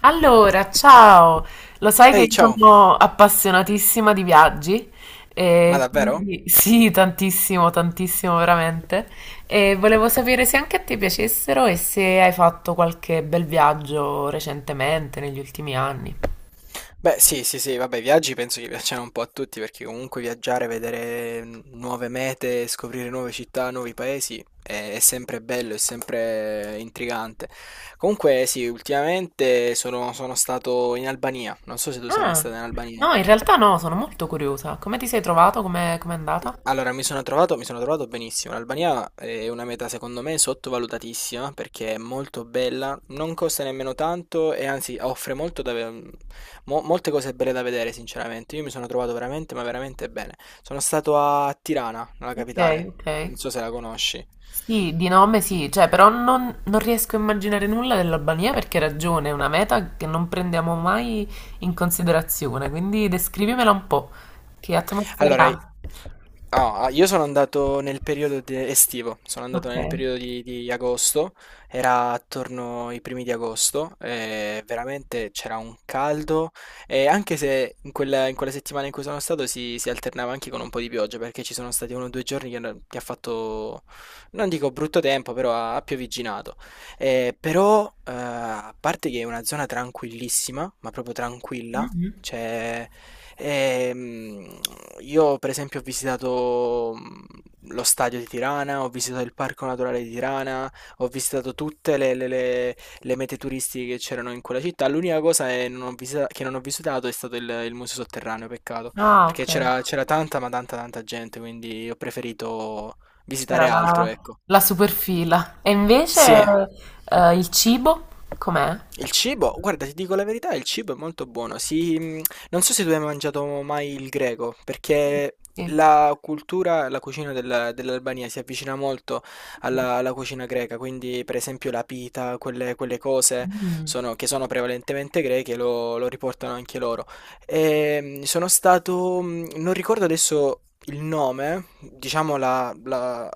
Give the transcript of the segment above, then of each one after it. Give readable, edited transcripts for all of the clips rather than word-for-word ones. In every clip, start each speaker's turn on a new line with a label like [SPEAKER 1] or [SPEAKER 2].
[SPEAKER 1] Allora, ciao! Lo sai che
[SPEAKER 2] Ehi,
[SPEAKER 1] io
[SPEAKER 2] ciao!
[SPEAKER 1] sono appassionatissima di viaggi
[SPEAKER 2] Ma
[SPEAKER 1] e
[SPEAKER 2] davvero?
[SPEAKER 1] quindi sì, tantissimo, tantissimo veramente. E volevo sapere se anche a te piacessero e se hai fatto qualche bel viaggio recentemente, negli ultimi anni.
[SPEAKER 2] Beh, sì, sì, sì, vabbè, i viaggi penso che piacciono un po' a tutti perché comunque viaggiare, vedere nuove mete, scoprire nuove città, nuovi paesi è sempre bello, è sempre intrigante. Comunque, sì, ultimamente sono stato in Albania, non so se tu sei mai
[SPEAKER 1] Ah,
[SPEAKER 2] stato in Albania.
[SPEAKER 1] no, in realtà no, sono molto curiosa. Come ti sei trovato? Come è andata?
[SPEAKER 2] Allora, mi sono trovato benissimo. L'Albania è una meta, secondo me, sottovalutatissima perché è molto bella, non costa nemmeno tanto e anzi offre molto da molte cose belle da vedere, sinceramente. Io mi sono trovato veramente, ma veramente bene. Sono stato a Tirana, nella
[SPEAKER 1] Ok,
[SPEAKER 2] capitale.
[SPEAKER 1] ok.
[SPEAKER 2] Non so se la conosci.
[SPEAKER 1] Sì, di nome sì, cioè, però non riesco a immaginare nulla dell'Albania perché hai ragione, è una meta che non prendiamo mai in considerazione, quindi descrivimela un po'. Che atmosfera
[SPEAKER 2] Allora,
[SPEAKER 1] ha?
[SPEAKER 2] io sono andato nel periodo estivo, sono andato
[SPEAKER 1] Ok.
[SPEAKER 2] nel periodo di agosto, era attorno ai primi di agosto, e veramente c'era un caldo, e anche se in quella settimana in cui sono stato si alternava anche con un po' di pioggia, perché ci sono stati uno o due giorni che ha fatto, non dico brutto tempo, però ha piovigginato. Però, a parte che è una zona tranquillissima, ma proprio tranquilla,
[SPEAKER 1] Mhm.
[SPEAKER 2] c'è... Ehm, io per esempio ho visitato lo stadio di Tirana, ho visitato il parco naturale di Tirana, ho visitato tutte le mete turistiche che c'erano in quella città. L'unica cosa è non ho visita- che non ho visitato è stato il museo sotterraneo, peccato,
[SPEAKER 1] Ah,
[SPEAKER 2] perché
[SPEAKER 1] ok.
[SPEAKER 2] c'era tanta, ma tanta, tanta gente, quindi ho preferito
[SPEAKER 1] C'era
[SPEAKER 2] visitare altro,
[SPEAKER 1] la,
[SPEAKER 2] ecco.
[SPEAKER 1] la superfila. E invece
[SPEAKER 2] Sì.
[SPEAKER 1] il cibo com'è?
[SPEAKER 2] Il cibo, guarda, ti dico la verità, il cibo è molto buono. Si, non so se tu hai mangiato mai il greco, perché
[SPEAKER 1] Sì.
[SPEAKER 2] la cultura, la cucina dell'Albania si avvicina molto alla cucina greca, quindi per esempio la pita, quelle cose
[SPEAKER 1] Mm,
[SPEAKER 2] che sono prevalentemente greche, lo riportano anche loro. Sono stato, non ricordo adesso il nome, diciamo la la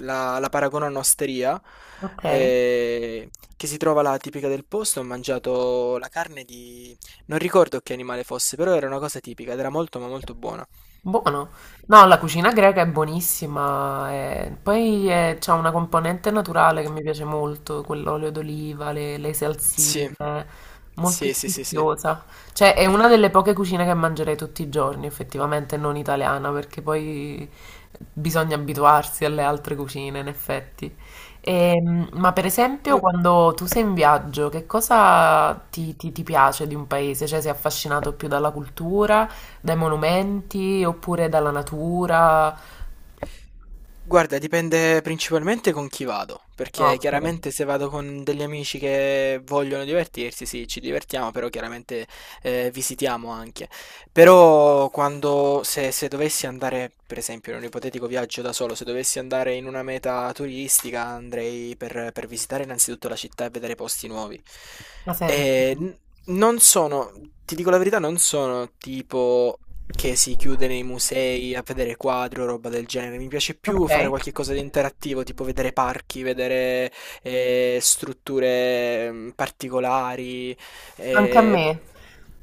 [SPEAKER 2] la la paragono a un'osteria,
[SPEAKER 1] ok.
[SPEAKER 2] ehm, che si trova là tipica del posto. Ho mangiato la carne di non ricordo che animale fosse, però era una cosa tipica ed era molto, ma molto buona.
[SPEAKER 1] Buono. No, la cucina greca è buonissima. Poi c'ha una componente naturale che mi piace molto, quell'olio d'oliva, le salsine,
[SPEAKER 2] Sì.
[SPEAKER 1] molto
[SPEAKER 2] Sì, sì, sì, sì.
[SPEAKER 1] sfiziosa. Cioè, è una delle poche cucine che mangerei tutti i giorni, effettivamente, non italiana, perché poi bisogna abituarsi alle altre cucine, in effetti. Ma per
[SPEAKER 2] Tu
[SPEAKER 1] esempio, quando tu sei in viaggio, che cosa ti piace di un paese? Cioè, sei affascinato più dalla cultura? Dai monumenti oppure dalla natura?
[SPEAKER 2] Guarda, dipende principalmente con chi vado,
[SPEAKER 1] Ah,
[SPEAKER 2] perché
[SPEAKER 1] okay.
[SPEAKER 2] chiaramente se vado con degli amici che vogliono divertirsi, sì, ci divertiamo, però chiaramente visitiamo anche. Però quando, se dovessi andare, per esempio, in un ipotetico viaggio da solo, se dovessi andare in una meta turistica, andrei per visitare innanzitutto la città e vedere posti nuovi.
[SPEAKER 1] Ha
[SPEAKER 2] E
[SPEAKER 1] senso.
[SPEAKER 2] non sono, ti dico la verità, non sono tipo che si chiude nei musei a vedere quadri o roba del genere. Mi piace più fare
[SPEAKER 1] Okay.
[SPEAKER 2] qualche cosa di interattivo, tipo vedere parchi, vedere strutture particolari,
[SPEAKER 1] Anche a
[SPEAKER 2] eh,
[SPEAKER 1] me.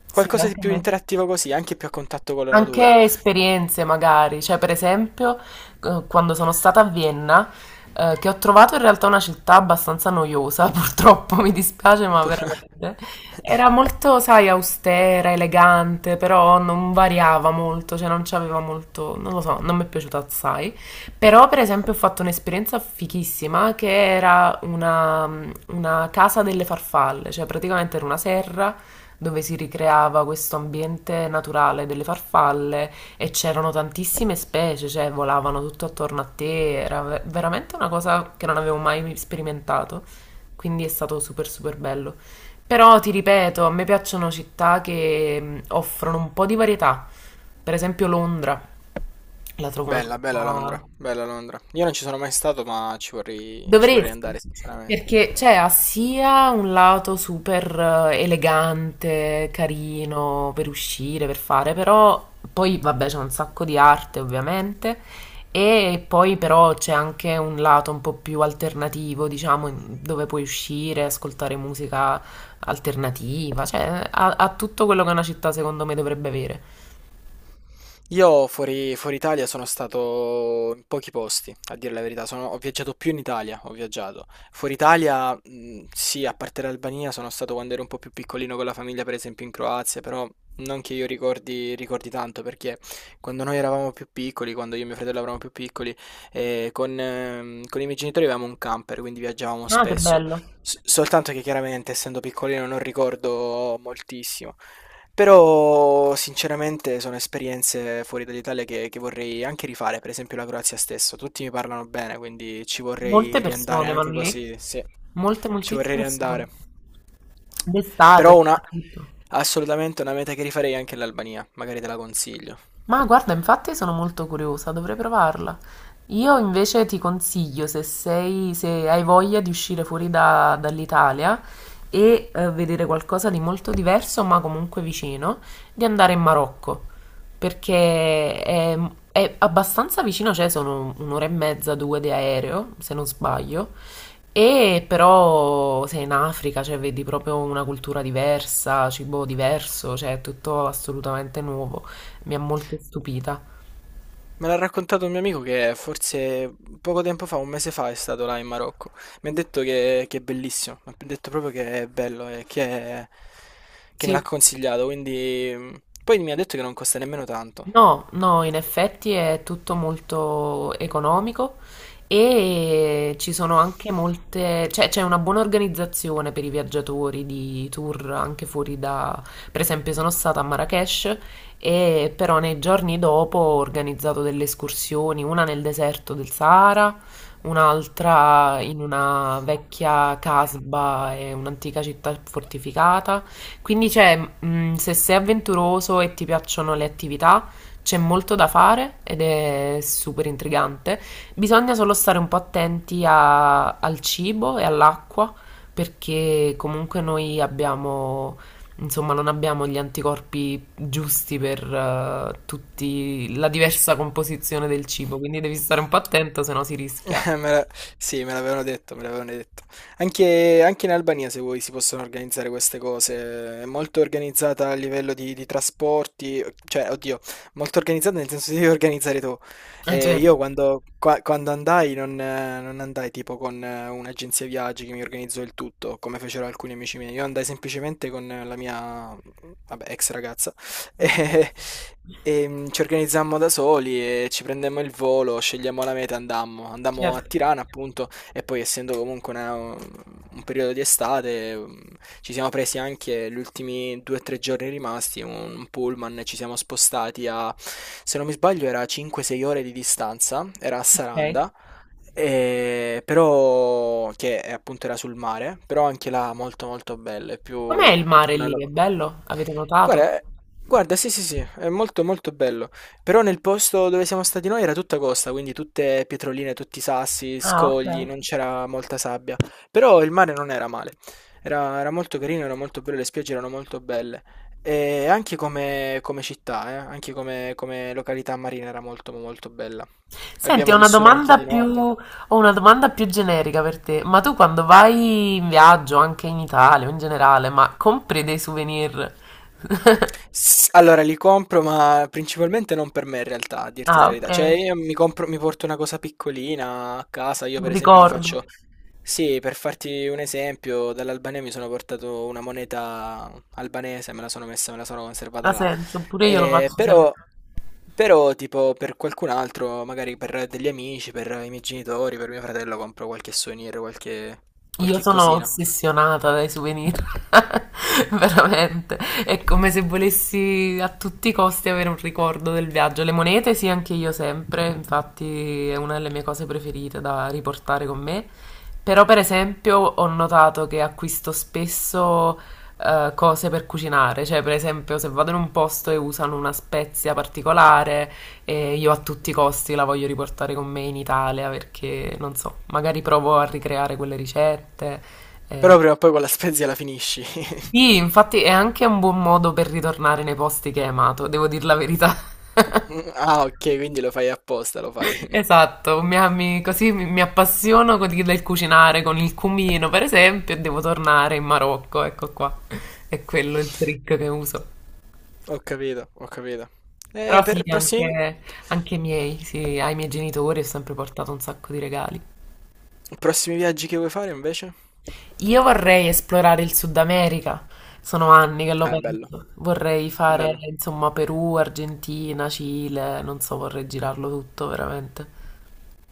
[SPEAKER 1] Sì,
[SPEAKER 2] qualcosa di
[SPEAKER 1] anche a
[SPEAKER 2] più
[SPEAKER 1] me.
[SPEAKER 2] interattivo così, anche più a contatto con la natura.
[SPEAKER 1] Anche esperienze magari, cioè per esempio quando sono stata a Vienna, che ho trovato in realtà una città abbastanza noiosa, purtroppo mi dispiace, ma
[SPEAKER 2] Pur-
[SPEAKER 1] veramente era molto, sai, austera, elegante, però non variava molto, cioè non c'aveva molto, non lo so, non mi è piaciuta assai. Però per esempio ho fatto un'esperienza fichissima che era una casa delle farfalle, cioè praticamente era una serra dove si ricreava questo ambiente naturale delle farfalle e c'erano tantissime specie, cioè volavano tutto attorno a te, era veramente una cosa che non avevo mai sperimentato, quindi è stato super super bello. Però ti ripeto, a me piacciono città che offrono un po' di varietà, per esempio Londra, la trovo una
[SPEAKER 2] Bella, bella Londra,
[SPEAKER 1] città.
[SPEAKER 2] bella Londra. Io non ci sono mai stato, ma ci vorrei andare,
[SPEAKER 1] Dovresti,
[SPEAKER 2] sinceramente.
[SPEAKER 1] perché cioè, ha sia un lato super elegante, carino per uscire, per fare, però poi vabbè c'è un sacco di arte ovviamente e poi però c'è anche un lato un po' più alternativo, diciamo, dove puoi uscire, ascoltare musica alternativa, cioè ha tutto quello che una città secondo me dovrebbe avere.
[SPEAKER 2] Io fuori Italia sono stato in pochi posti, a dire la verità. Ho viaggiato più in Italia, ho viaggiato. Fuori Italia, sì, a parte l'Albania, sono stato quando ero un po' più piccolino con la famiglia, per esempio in Croazia, però non che io ricordi, tanto, perché quando noi eravamo più piccoli, quando io e mio fratello eravamo più piccoli, con i miei genitori avevamo un camper, quindi viaggiavamo
[SPEAKER 1] Ah, che
[SPEAKER 2] spesso.
[SPEAKER 1] bello.
[SPEAKER 2] Soltanto che chiaramente, essendo piccolino, non ricordo moltissimo. Però sinceramente sono esperienze fuori dall'Italia che vorrei anche rifare, per esempio la Croazia stesso, tutti mi parlano bene, quindi ci
[SPEAKER 1] Molte
[SPEAKER 2] vorrei riandare
[SPEAKER 1] persone vanno
[SPEAKER 2] anche
[SPEAKER 1] lì,
[SPEAKER 2] così, sì,
[SPEAKER 1] molte,
[SPEAKER 2] ci vorrei
[SPEAKER 1] moltissime persone.
[SPEAKER 2] riandare.
[SPEAKER 1] D'estate
[SPEAKER 2] Però
[SPEAKER 1] soprattutto.
[SPEAKER 2] assolutamente una meta che rifarei è anche l'Albania, magari te la consiglio.
[SPEAKER 1] Ma guarda, infatti sono molto curiosa, dovrei provarla. Io invece ti consiglio, se sei, se hai voglia di uscire fuori dall'Italia e vedere qualcosa di molto diverso, ma comunque vicino, di andare in Marocco, perché è abbastanza vicino, cioè sono un'ora e mezza, due di aereo, se non sbaglio, e però sei in Africa, cioè vedi proprio una cultura diversa, cibo diverso, cioè è tutto assolutamente nuovo, mi ha molto stupita.
[SPEAKER 2] Me l'ha raccontato un mio amico che forse poco tempo fa, un mese fa, è stato là in Marocco. Mi ha detto che è bellissimo, mi ha detto proprio che è bello e che me l'ha
[SPEAKER 1] Sì,
[SPEAKER 2] consigliato, quindi. Poi mi ha detto che non costa nemmeno tanto.
[SPEAKER 1] no, no, in effetti è tutto molto economico e ci sono anche molte, cioè c'è una buona organizzazione per i viaggiatori di tour anche fuori da, per esempio sono stata a Marrakech e però nei giorni dopo ho organizzato delle escursioni, una nel deserto del Sahara, un'altra in una vecchia casba e un'antica città fortificata. Quindi c'è, se sei avventuroso e ti piacciono le attività, c'è molto da fare ed è super intrigante. Bisogna solo stare un po' attenti al cibo e all'acqua perché comunque noi abbiamo, insomma, non abbiamo gli anticorpi giusti per tutti la diversa composizione del cibo, quindi devi stare un po' attento, se no si rischia.
[SPEAKER 2] Eh, Me la- Sì, me l'avevano detto, me l'avevano detto. Anche in Albania, se vuoi, si possono organizzare queste cose. È molto organizzata a livello di trasporti, cioè, oddio, molto organizzata nel senso di devi organizzare tu. Io quando andai non andai tipo con un'agenzia viaggi che mi organizzò il tutto, come fecero alcuni amici miei. Io andai semplicemente con la mia, vabbè, ex ragazza.
[SPEAKER 1] Ok,
[SPEAKER 2] E, e ci organizzammo da soli e ci prendemmo il volo, scegliamo la meta e andammo. Andammo a
[SPEAKER 1] certo.
[SPEAKER 2] Tirana, appunto, e poi essendo comunque un periodo di estate, ci siamo presi anche gli ultimi due o tre giorni rimasti, un pullman, e ci siamo spostati a, se non mi sbaglio, era 5-6 ore di distanza, era a
[SPEAKER 1] Ok.
[SPEAKER 2] Saranda. Però che appunto era sul mare, però anche là molto molto bella, è più
[SPEAKER 1] Com'è il mare
[SPEAKER 2] una.
[SPEAKER 1] lì?
[SPEAKER 2] lo-
[SPEAKER 1] È bello? Avete notato?
[SPEAKER 2] Guarda, eh, guarda, sì, sì, sì, è molto molto bello. Però nel posto dove siamo stati noi era tutta costa, quindi tutte pietroline, tutti sassi,
[SPEAKER 1] Ah, ok.
[SPEAKER 2] scogli, non c'era molta sabbia. Però il mare non era male. Era molto carino, era molto bello, le spiagge erano molto belle. E anche come città, anche come località marina era molto molto bella.
[SPEAKER 1] Senti,
[SPEAKER 2] L'abbiamo vissuta anche di notte.
[SPEAKER 1] ho una domanda più generica per te. Ma tu quando vai in viaggio, anche in Italia o in generale, ma compri dei souvenir?
[SPEAKER 2] S Allora li compro, ma principalmente non per me in realtà, a dirti la
[SPEAKER 1] Ah, sì.
[SPEAKER 2] verità. Cioè
[SPEAKER 1] Ok,
[SPEAKER 2] io mi compro mi porto una cosa piccolina a casa, io
[SPEAKER 1] un
[SPEAKER 2] per esempio ti
[SPEAKER 1] ricordo.
[SPEAKER 2] faccio sì, per farti un esempio, dall'Albania mi sono portato una moneta albanese, me la sono messa, me la sono
[SPEAKER 1] Ha
[SPEAKER 2] conservata là.
[SPEAKER 1] senso, pure io lo
[SPEAKER 2] Eh,
[SPEAKER 1] faccio sempre.
[SPEAKER 2] però però tipo per qualcun altro, magari per degli amici, per i miei genitori, per mio fratello compro qualche souvenir, qualche
[SPEAKER 1] Io
[SPEAKER 2] qualche
[SPEAKER 1] sono
[SPEAKER 2] cosina.
[SPEAKER 1] ossessionata dai souvenir, veramente. È come se volessi a tutti i costi avere un ricordo del viaggio. Le monete, sì, anche io sempre, infatti è una delle mie cose preferite da riportare con me. Però, per esempio, ho notato che acquisto spesso cose per cucinare, cioè, per esempio, se vado in un posto e usano una spezia particolare e io a tutti i costi la voglio riportare con me in Italia perché, non so, magari provo a ricreare quelle ricette. eh.
[SPEAKER 2] Però prima o poi quella spezia la finisci.
[SPEAKER 1] Sì, infatti è anche un buon modo per ritornare nei posti che hai amato, devo dire la verità.
[SPEAKER 2] Ah, ok, quindi lo fai apposta, lo fai.
[SPEAKER 1] Esatto, così mi appassiono del cucinare con il cumino, per esempio, e devo tornare in Marocco, ecco qua. È quello il trick che uso.
[SPEAKER 2] Ho capito, ho capito. Eh,
[SPEAKER 1] Però sì,
[SPEAKER 2] per prossimi,
[SPEAKER 1] anche, anche i miei, sì, ai miei genitori ho sempre portato un sacco di regali.
[SPEAKER 2] prossimi viaggi che vuoi fare invece?
[SPEAKER 1] Io vorrei esplorare il Sud America, sono anni che lo
[SPEAKER 2] Ah, è bello,
[SPEAKER 1] penso. Vorrei fare,
[SPEAKER 2] bello,
[SPEAKER 1] insomma, Perù, Argentina, Cile, non so, vorrei girarlo tutto veramente.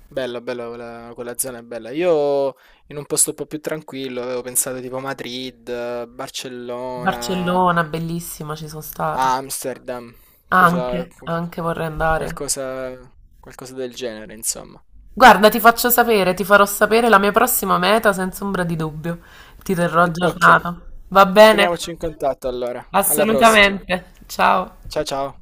[SPEAKER 2] bello, bello, quella zona è bella. Io in un posto un po' più tranquillo avevo pensato tipo Madrid, Barcellona,
[SPEAKER 1] Barcellona, bellissima, ci sono stata.
[SPEAKER 2] Amsterdam, cosa,
[SPEAKER 1] Anche,
[SPEAKER 2] qu-
[SPEAKER 1] anche vorrei andare.
[SPEAKER 2] qualcosa, qualcosa del genere, insomma.
[SPEAKER 1] Guarda, ti faccio sapere, ti farò sapere la mia prossima meta senza ombra di dubbio. Ti terrò
[SPEAKER 2] Ok,
[SPEAKER 1] aggiornata. Va bene?
[SPEAKER 2] teniamoci in contatto allora. Alla prossima.
[SPEAKER 1] Assolutamente. Ciao.
[SPEAKER 2] Ciao ciao.